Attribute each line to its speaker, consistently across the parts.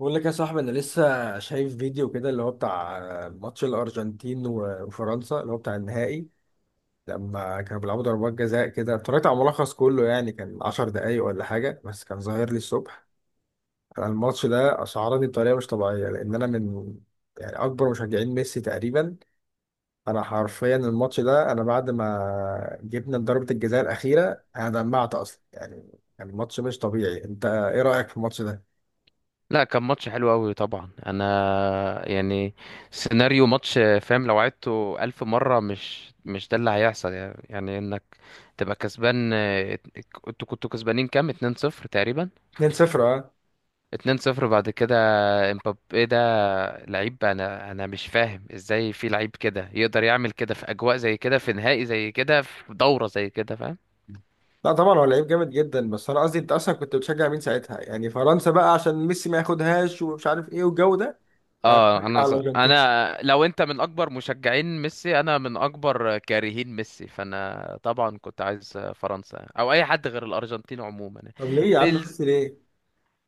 Speaker 1: بقول لك يا صاحبي، انا لسه شايف فيديو كده اللي هو بتاع ماتش الارجنتين و- وفرنسا اللي هو بتاع النهائي. لما كانوا بيلعبوا ضربات جزاء كده، اتفرجت على ملخص كله، يعني كان 10 دقايق ولا حاجه، بس كان ظاهر لي الصبح. انا الماتش ده اشعرني بطريقه مش طبيعيه، لان انا من يعني اكبر مشجعين ميسي تقريبا. انا حرفيا الماتش ده، انا بعد ما جبنا ضربه الجزاء الاخيره انا دمعت اصلا، يعني كان الماتش مش طبيعي. انت ايه رايك في الماتش ده؟
Speaker 2: لا، كان ماتش حلو قوي طبعا. انا يعني سيناريو ماتش، فاهم؟ لو عدته ألف مرة مش ده اللي هيحصل. يعني انك تبقى كسبان. انتوا كنتوا كسبانين كام؟ 2-0 تقريبا.
Speaker 1: 2-0، اه.
Speaker 2: 2-0 بعد كده. امبابي ده لعيب، انا مش فاهم ازاي في لعيب كده يقدر يعمل كده في اجواء زي كده، في نهائي زي كده، في دورة زي كده، فاهم؟
Speaker 1: لا طبعا هو لعيب جامد جدا، بس انا قصدي انت اصلا كنت بتشجع مين ساعتها؟ يعني فرنسا بقى عشان ميسي ما ياخدهاش ومش عارف ايه والجو ده، وانا
Speaker 2: اه،
Speaker 1: بشجع
Speaker 2: انا
Speaker 1: على الارجنتين.
Speaker 2: انا لو انت من اكبر مشجعين ميسي، انا من اكبر كارهين ميسي. فانا طبعا كنت عايز فرنسا او اي حد غير الارجنتين عموما.
Speaker 1: طب ليه يا عم؟
Speaker 2: بلز...
Speaker 1: ميسي ليه؟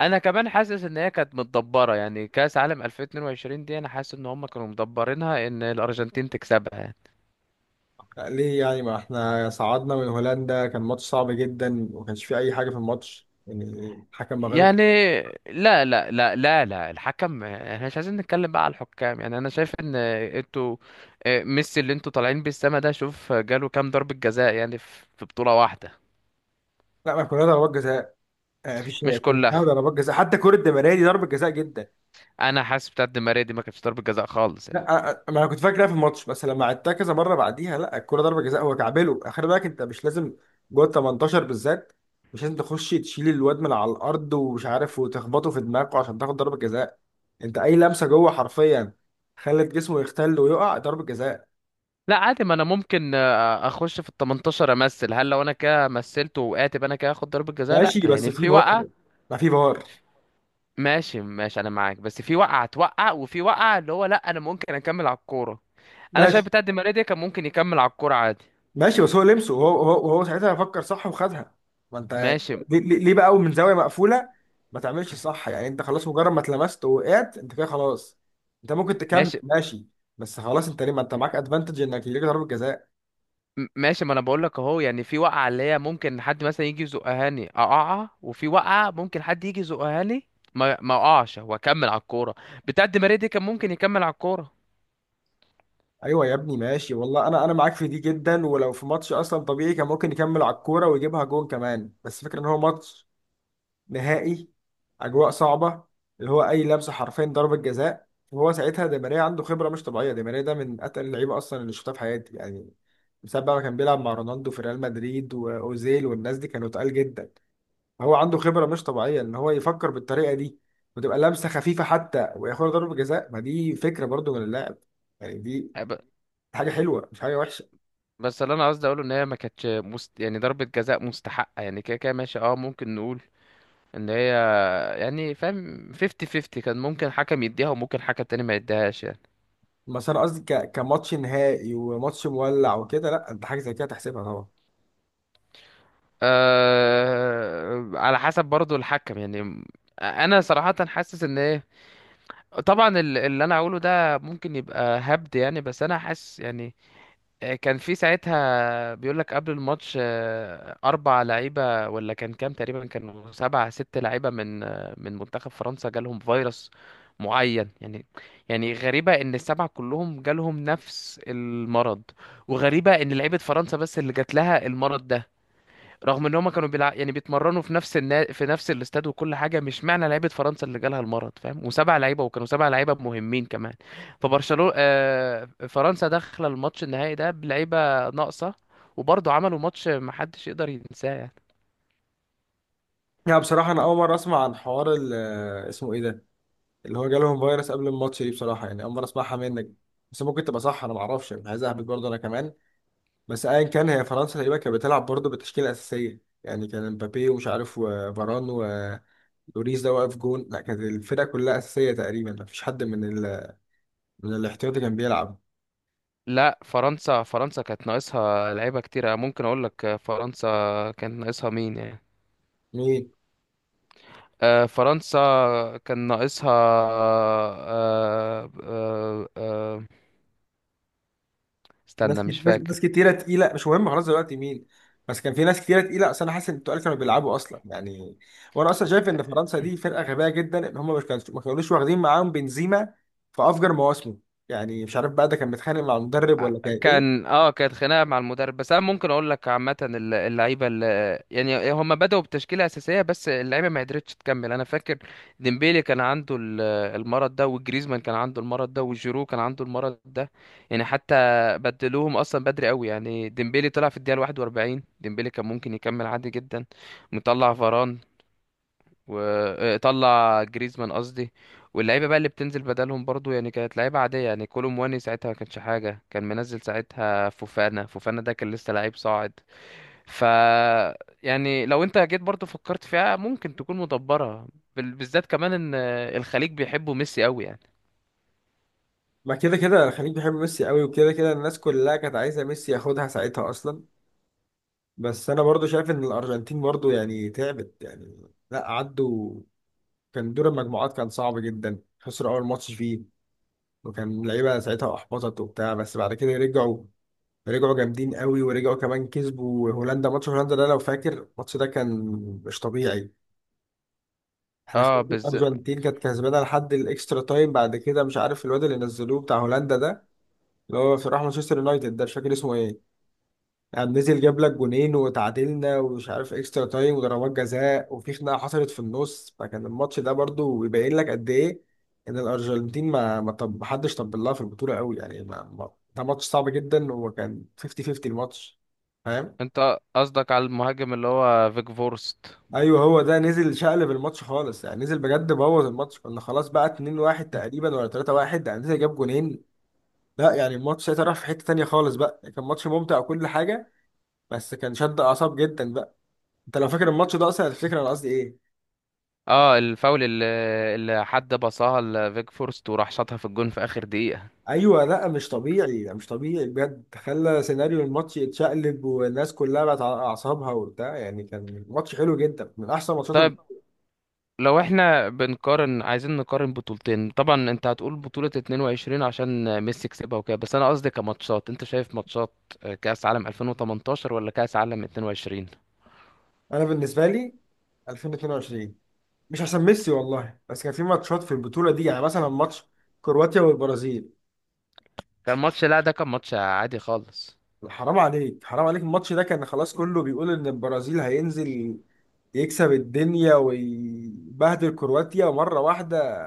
Speaker 2: انا كمان حاسس ان هي كانت متدبره. يعني كاس عالم 2022 دي، انا حاسس ان هم كانوا مدبرينها ان الارجنتين تكسبها.
Speaker 1: ليه يعني؟ ما احنا صعدنا من هولندا، كان ماتش صعب جدا، وما كانش فيه اي حاجه في الماتش يعني الحكم ما غلط.
Speaker 2: يعني لا لا لا لا لا، الحكم احنا مش عايزين نتكلم بقى على الحكام. يعني انا شايف ان انتوا. ميسي اللي انتوا طالعين بيه السما ده، شوف جاله كام ضربة جزاء يعني في بطولة واحدة؟
Speaker 1: لا ما كنا ضربات جزاء. ما فيش، هي
Speaker 2: مش
Speaker 1: كنا
Speaker 2: كلها.
Speaker 1: ضربات جزاء حتى كره. دي ضربه جزاء جدا.
Speaker 2: انا حاسس بتاعت دي ماريا دي ما كانتش ضربة جزاء خالص
Speaker 1: لا
Speaker 2: يعني.
Speaker 1: ما انا كنت فاكر ده في الماتش، بس لما عدتها كذا مره بعديها، لا الكوره ضربه جزاء، هو كعبله. خلي بالك انت مش لازم جوه ال 18 بالذات، مش لازم تخش تشيل الواد من على الارض ومش عارف وتخبطه في دماغه عشان تاخد ضربه جزاء. انت اي لمسه جوه حرفيا خلت جسمه يختل ويقع ضربه جزاء.
Speaker 2: لا، عادي، ما انا ممكن اخش في ال 18 امثل. هل لو انا كده مثلت وقعت يبقى انا كده اخد ضربة جزاء؟ لا،
Speaker 1: ماشي، بس
Speaker 2: يعني
Speaker 1: في
Speaker 2: في وقعة.
Speaker 1: فار، ما في فار.
Speaker 2: ماشي، ماشي، انا معاك. بس في وقعة توقع، وفي وقعة اللي هو لا، انا ممكن اكمل على الكورة. انا
Speaker 1: ماشي
Speaker 2: شايف بتاعت دي ماريا دي كان ممكن يكمل على الكورة عادي.
Speaker 1: ماشي، بس هو لمسه، وهو هو هو ساعتها فكر صح وخدها. ما انت
Speaker 2: ماشي،
Speaker 1: ليه بقى من زاويه مقفوله ما تعملش صح؟ يعني انت خلاص، مجرد ما اتلمست ووقعت انت كده خلاص. انت ممكن تكمل
Speaker 2: ماشي.
Speaker 1: ماشي، بس خلاص انت ليه؟ ما انت معاك ادفانتج انك ليك ضربه جزاء.
Speaker 2: ماشي، ما انا بقول لك اهو. يعني في وقعه اللي هي ممكن حد مثلا يجي يزقهاني اقعها، وفي وقعه ممكن حد يجي يزقهاني ما ما اقعش واكمل على الكوره. بتاعه دي ماريا دي كان ممكن يكمل على الكوره.
Speaker 1: ايوه يا ابني، ماشي والله، انا معاك في دي جدا. ولو في ماتش اصلا طبيعي كان ممكن يكمل على الكوره ويجيبها جون كمان، بس فكرة ان هو ماتش نهائي، اجواء صعبه، اللي هو اي لمسه حرفيا ضربه جزاء. وهو ساعتها دي ماريا عنده خبره مش طبيعيه. دي ماريا ده من اتقل اللعيبه اصلا اللي شفتها في حياتي يعني، بسبب بقى ما كان بيلعب مع رونالدو في ريال مدريد، واوزيل والناس دي كانوا تقال جدا. هو عنده خبره مش طبيعيه ان هو يفكر بالطريقه دي، وتبقى لمسه خفيفه حتى وياخد ضربه جزاء. ما دي فكره برضو من اللاعب، يعني دي
Speaker 2: ب-
Speaker 1: حاجه حلوه، مش حاجه وحشه.
Speaker 2: بس اللي انا قصدي اقوله ان هي ما كانتش يعني ضربه جزاء مستحقه. يعني كده كده ماشي، اه ممكن نقول ان هي، يعني فاهم، 50 50 كان ممكن حكم يديها وممكن حكم تاني ما يديهاش يعني.
Speaker 1: بس انا قصدي كماتش نهائي وماتش مولع وكده، لا انت حاجه زي كده تحسبها طبعا.
Speaker 2: على حسب برضو الحكم يعني. انا صراحه حاسس ان هي طبعا اللي انا هقوله ده ممكن يبقى هبد يعني، بس انا حاسس يعني. كان في ساعتها بيقول لك قبل الماتش اربع لعيبه ولا كان كام تقريبا، كانوا سبعة ست لعيبه من من منتخب فرنسا جالهم فيروس معين يعني. يعني غريبه ان السبعه كلهم جالهم نفس المرض، وغريبه ان لعيبه فرنسا بس اللي جات لها المرض ده، رغم ان هما كانوا يعني بيتمرنوا في نفس في نفس الاستاد وكل حاجه. مش معنى لعيبه فرنسا اللي جالها المرض، فاهم؟ وسبع لعيبه، وكانوا سبع لعيبه مهمين كمان. فرنسا داخله الماتش النهائي ده بلعيبه ناقصه، وبرضه عملوا ماتش محدش يقدر ينساه يعني.
Speaker 1: يعني بصراحة أنا أول مرة أسمع عن حوار اسمه إيه ده، اللي هو جالهم فيروس قبل الماتش دي، بصراحة يعني أول مرة أسمعها منك. بس ممكن تبقى صح، أنا معرفش، يعني عايز أهبط برضه أنا كمان. بس أيا كان، هي فرنسا تقريبا كانت بتلعب برضه بالتشكيلة الأساسية. يعني كان مبابي ومش عارف وفاران ولوريس ده واقف جون. لا كانت الفرقة كلها أساسية تقريبا، مفيش حد من من الاحتياطي كان بيلعب.
Speaker 2: لا، فرنسا كانت ناقصها لعيبه كتيره. ممكن اقول لك فرنسا كانت ناقصها مين يعني.
Speaker 1: مين؟
Speaker 2: فرنسا كان ناقصها
Speaker 1: ناس
Speaker 2: استنى،
Speaker 1: كت-
Speaker 2: مش
Speaker 1: ناس ناس
Speaker 2: فاكر.
Speaker 1: كتيرة تقيلة. مش مهم خلاص دلوقتي مين، بس كان في ناس كتيرة تقيلة. أصل أنا حاسس إن التقال كانوا بيلعبوا أصلا يعني. وأنا أصلا شايف إن فرنسا دي فرقة غبية جدا، إن هم مش كانوا ما كانوش واخدين معاهم بنزيما في أفجر مواسمه. يعني مش عارف بقى ده كان متخانق مع المدرب ولا كان إيه.
Speaker 2: كانت خناقه مع المدرب. بس انا ممكن اقول لك عامه اللعيبه اللي يعني هم بداوا بتشكيله اساسيه، بس اللعيبه ما قدرتش تكمل. انا فاكر ديمبيلي كان عنده المرض ده، وجريزمان كان عنده المرض ده، وجيرو كان عنده المرض ده. يعني حتى بدلوهم اصلا بدري قوي. يعني ديمبيلي طلع في الدقيقه 41، ديمبيلي كان ممكن يكمل عادي جدا. مطلع فاران، وطلع جريزمان قصدي. واللعيبه بقى اللي بتنزل بدلهم برضو يعني كانت لعيبه عاديه. يعني كولو مواني ساعتها ما كانش حاجه، كان منزل ساعتها فوفانا. فوفانا ده كان لسه لعيب صاعد. ف يعني لو انت جيت برضو فكرت فيها ممكن تكون مدبره. بالذات كمان ان الخليج بيحبوا ميسي قوي يعني.
Speaker 1: ما كده كده الخليج بيحب ميسي قوي، وكده كده الناس كلها كانت عايزة ميسي ياخدها ساعتها أصلا. بس أنا برضو شايف إن الأرجنتين برضو يعني تعبت. يعني لا، عدوا، كان دور المجموعات كان صعب جدا، خسروا أول ماتش فيه، وكان اللعيبه ساعتها احبطت وبتاع. بس بعد كده رجعوا، رجعوا جامدين قوي، ورجعوا كمان كسبوا هولندا. ماتش هولندا ده لو فاكر الماتش ده كان مش طبيعي. احنا
Speaker 2: اه،
Speaker 1: خدنا
Speaker 2: بالذات.
Speaker 1: الارجنتين كانت كسبانه لحد الاكسترا تايم، بعد كده مش عارف الواد اللي نزلوه بتاع هولندا ده، اللي هو في راح مانشستر يونايتد ده مش فاكر اسمه ايه، يعني نزل جاب لك جونين وتعادلنا، ومش عارف اكسترا تايم وضربات جزاء وفي خناقه حصلت في النص. فكان الماتش ده برضو يبين لك قد ايه ان الارجنتين ما حدش طبل لها في البطوله قوي. يعني ما ما ده ماتش صعب جدا، وكان 50-50 الماتش، فاهم؟
Speaker 2: انت قصدك على المهاجم اللي هو فيج فورست؟
Speaker 1: ايوه هو ده نزل شقلب الماتش خالص. يعني نزل بجد بوظ الماتش، كنا خلاص بقى 2-1 تقريبا ولا 3-1. يعني نزل جاب جونين، لا يعني الماتش ساعتها راح في حته تانيه خالص بقى. كان ماتش ممتع وكل حاجه، بس كان شد اعصاب جدا بقى. انت لو فاكر الماتش ده اصلا هتفتكر انا قصدي ايه.
Speaker 2: اه، الفاول اللي حد بصاها لفيج فورست وراح شاطها في الجون في اخر دقيقه.
Speaker 1: ايوه، لا مش طبيعي، لا مش طبيعي بجد. خلى سيناريو الماتش يتشقلب، والناس كلها بقت على اعصابها وبتاع. يعني كان ماتش حلو جدا، من احسن ماتشات.
Speaker 2: طيب، لو احنا بنقارن عايزين نقارن بطولتين، طبعا انت هتقول بطولة 22 عشان ميسي كسبها وكده. بس انا قصدي كماتشات، انت شايف ماتشات كأس عالم 2018 ولا كأس عالم 22
Speaker 1: انا بالنسبه لي 2022، مش عشان ميسي والله، بس كان في ماتشات في البطوله دي. يعني مثلا ماتش كرواتيا والبرازيل.
Speaker 2: كان ماتش؟ لا، ده كان ماتش عادي خالص.
Speaker 1: حرام عليك حرام عليك، الماتش ده كان خلاص كله بيقول ان البرازيل هينزل يكسب الدنيا ويبهدل كرواتيا مرة واحدة.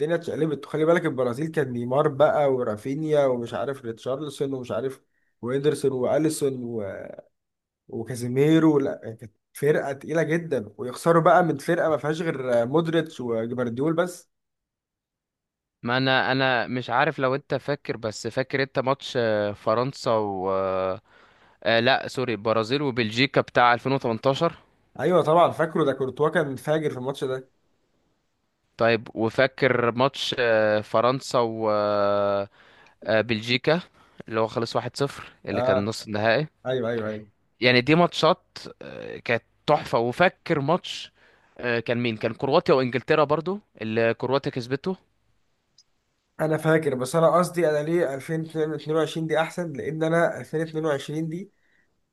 Speaker 1: الدنيا اتشقلبت، وخلي بالك البرازيل كان نيمار بقى ورافينيا ومش عارف ريتشارلسون ومش عارف وإيدرسون وأليسون وكازيميرو. لا كانت فرقة تقيلة جدا، ويخسروا بقى من فرقة ما فيهاش غير مودريتش وجبارديول بس.
Speaker 2: ما انا مش عارف لو انت فاكر، بس فاكر انت ماتش فرنسا و لا، سوري، برازيل وبلجيكا بتاع 2018؟
Speaker 1: ايوه طبعا فاكره، ده كورتوا كان فاجر في الماتش ده.
Speaker 2: طيب، وفاكر ماتش فرنسا وبلجيكا اللي هو خلص 1-0، اللي كان
Speaker 1: اه،
Speaker 2: نص النهائي؟
Speaker 1: ايوه ايوه ايوه.
Speaker 2: يعني دي ماتشات كانت تحفة. وفاكر ماتش كان مين، كان كرواتيا وانجلترا برضو، اللي كرواتيا كسبته؟
Speaker 1: انا فاكر، بس انا قصدي انا ليه 2022 دي احسن، لان انا 2022 دي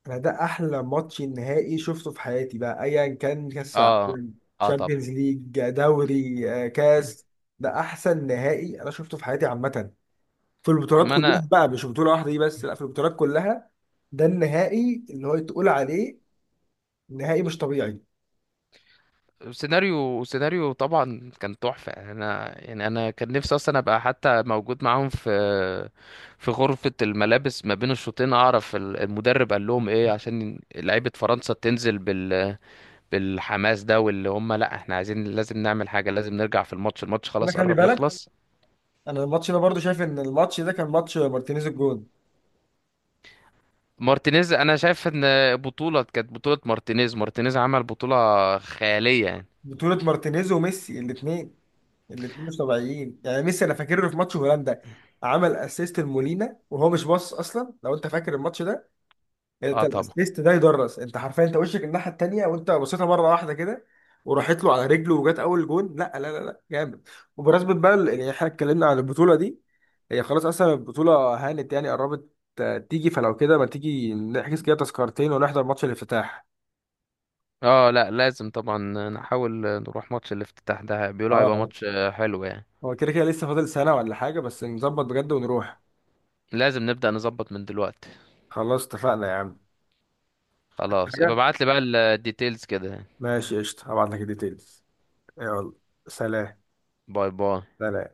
Speaker 1: انا ده احلى ماتش نهائي شفته في حياتي بقى، ايا كان كاس
Speaker 2: اه.
Speaker 1: العالم،
Speaker 2: اه، طبعا.
Speaker 1: تشامبيونز ليج، دوري، كاس. ده احسن نهائي انا شفته في حياتي عامه، في البطولات
Speaker 2: ما انا
Speaker 1: كلها بقى، مش بطوله واحده دي بس، لا في البطولات كلها. ده النهائي اللي هو تقول عليه نهائي مش طبيعي.
Speaker 2: سيناريو، طبعا كان تحفة. انا يعني انا كان نفسي اصلا ابقى حتى موجود معاهم في غرفة الملابس ما بين الشوطين، اعرف المدرب قال لهم ايه عشان لعيبة فرنسا تنزل بالحماس ده، واللي هم لا، احنا عايزين، لازم نعمل حاجة، لازم نرجع في الماتش، الماتش
Speaker 1: انا
Speaker 2: خلاص
Speaker 1: خلي
Speaker 2: قرب
Speaker 1: بالك،
Speaker 2: يخلص.
Speaker 1: انا الماتش ده برضو شايف ان الماتش ده كان ماتش مارتينيز الجون.
Speaker 2: مارتينيز، انا شايف ان بطولة كانت بطولة مارتينيز عمل بطولة خيالية يعني.
Speaker 1: بطوله مارتينيز وميسي الاثنين، الاثنين مش طبيعيين. يعني ميسي انا فاكر له في ماتش هولندا عمل اسيست لمولينا وهو مش باص اصلا، لو انت فاكر الماتش ده. انت
Speaker 2: اه، طبعا.
Speaker 1: الاسيست ده يدرس، انت حرفيا انت وشك الناحيه التانيه، وانت بصيتها مره واحده كده وراحت له على رجله وجت اول جون. لا لا لا لا، جامد. وبمناسبه بقى يعني احنا اتكلمنا عن البطوله دي، هي خلاص اصلا البطوله هانت يعني قربت. تيجي فلو كده، ما تيجي نحجز كده تذكرتين ونحضر ماتش الافتتاح.
Speaker 2: اه، لا، لازم طبعا نحاول نروح ماتش الافتتاح ده.
Speaker 1: اه.
Speaker 2: بيقولوا هيبقى
Speaker 1: آه.
Speaker 2: ماتش حلو يعني.
Speaker 1: هو كده كده لسه فاضل سنه ولا حاجه، بس نظبط بجد ونروح.
Speaker 2: لازم نبدأ نظبط من دلوقتي.
Speaker 1: خلاص اتفقنا يا
Speaker 2: خلاص، ابقى
Speaker 1: عم.
Speaker 2: ابعت لي بقى الديتيلز كده يعني.
Speaker 1: ماشي قشطة، هبعت لك الديتيلز. يلا، سلام.
Speaker 2: باي باي.
Speaker 1: سلام.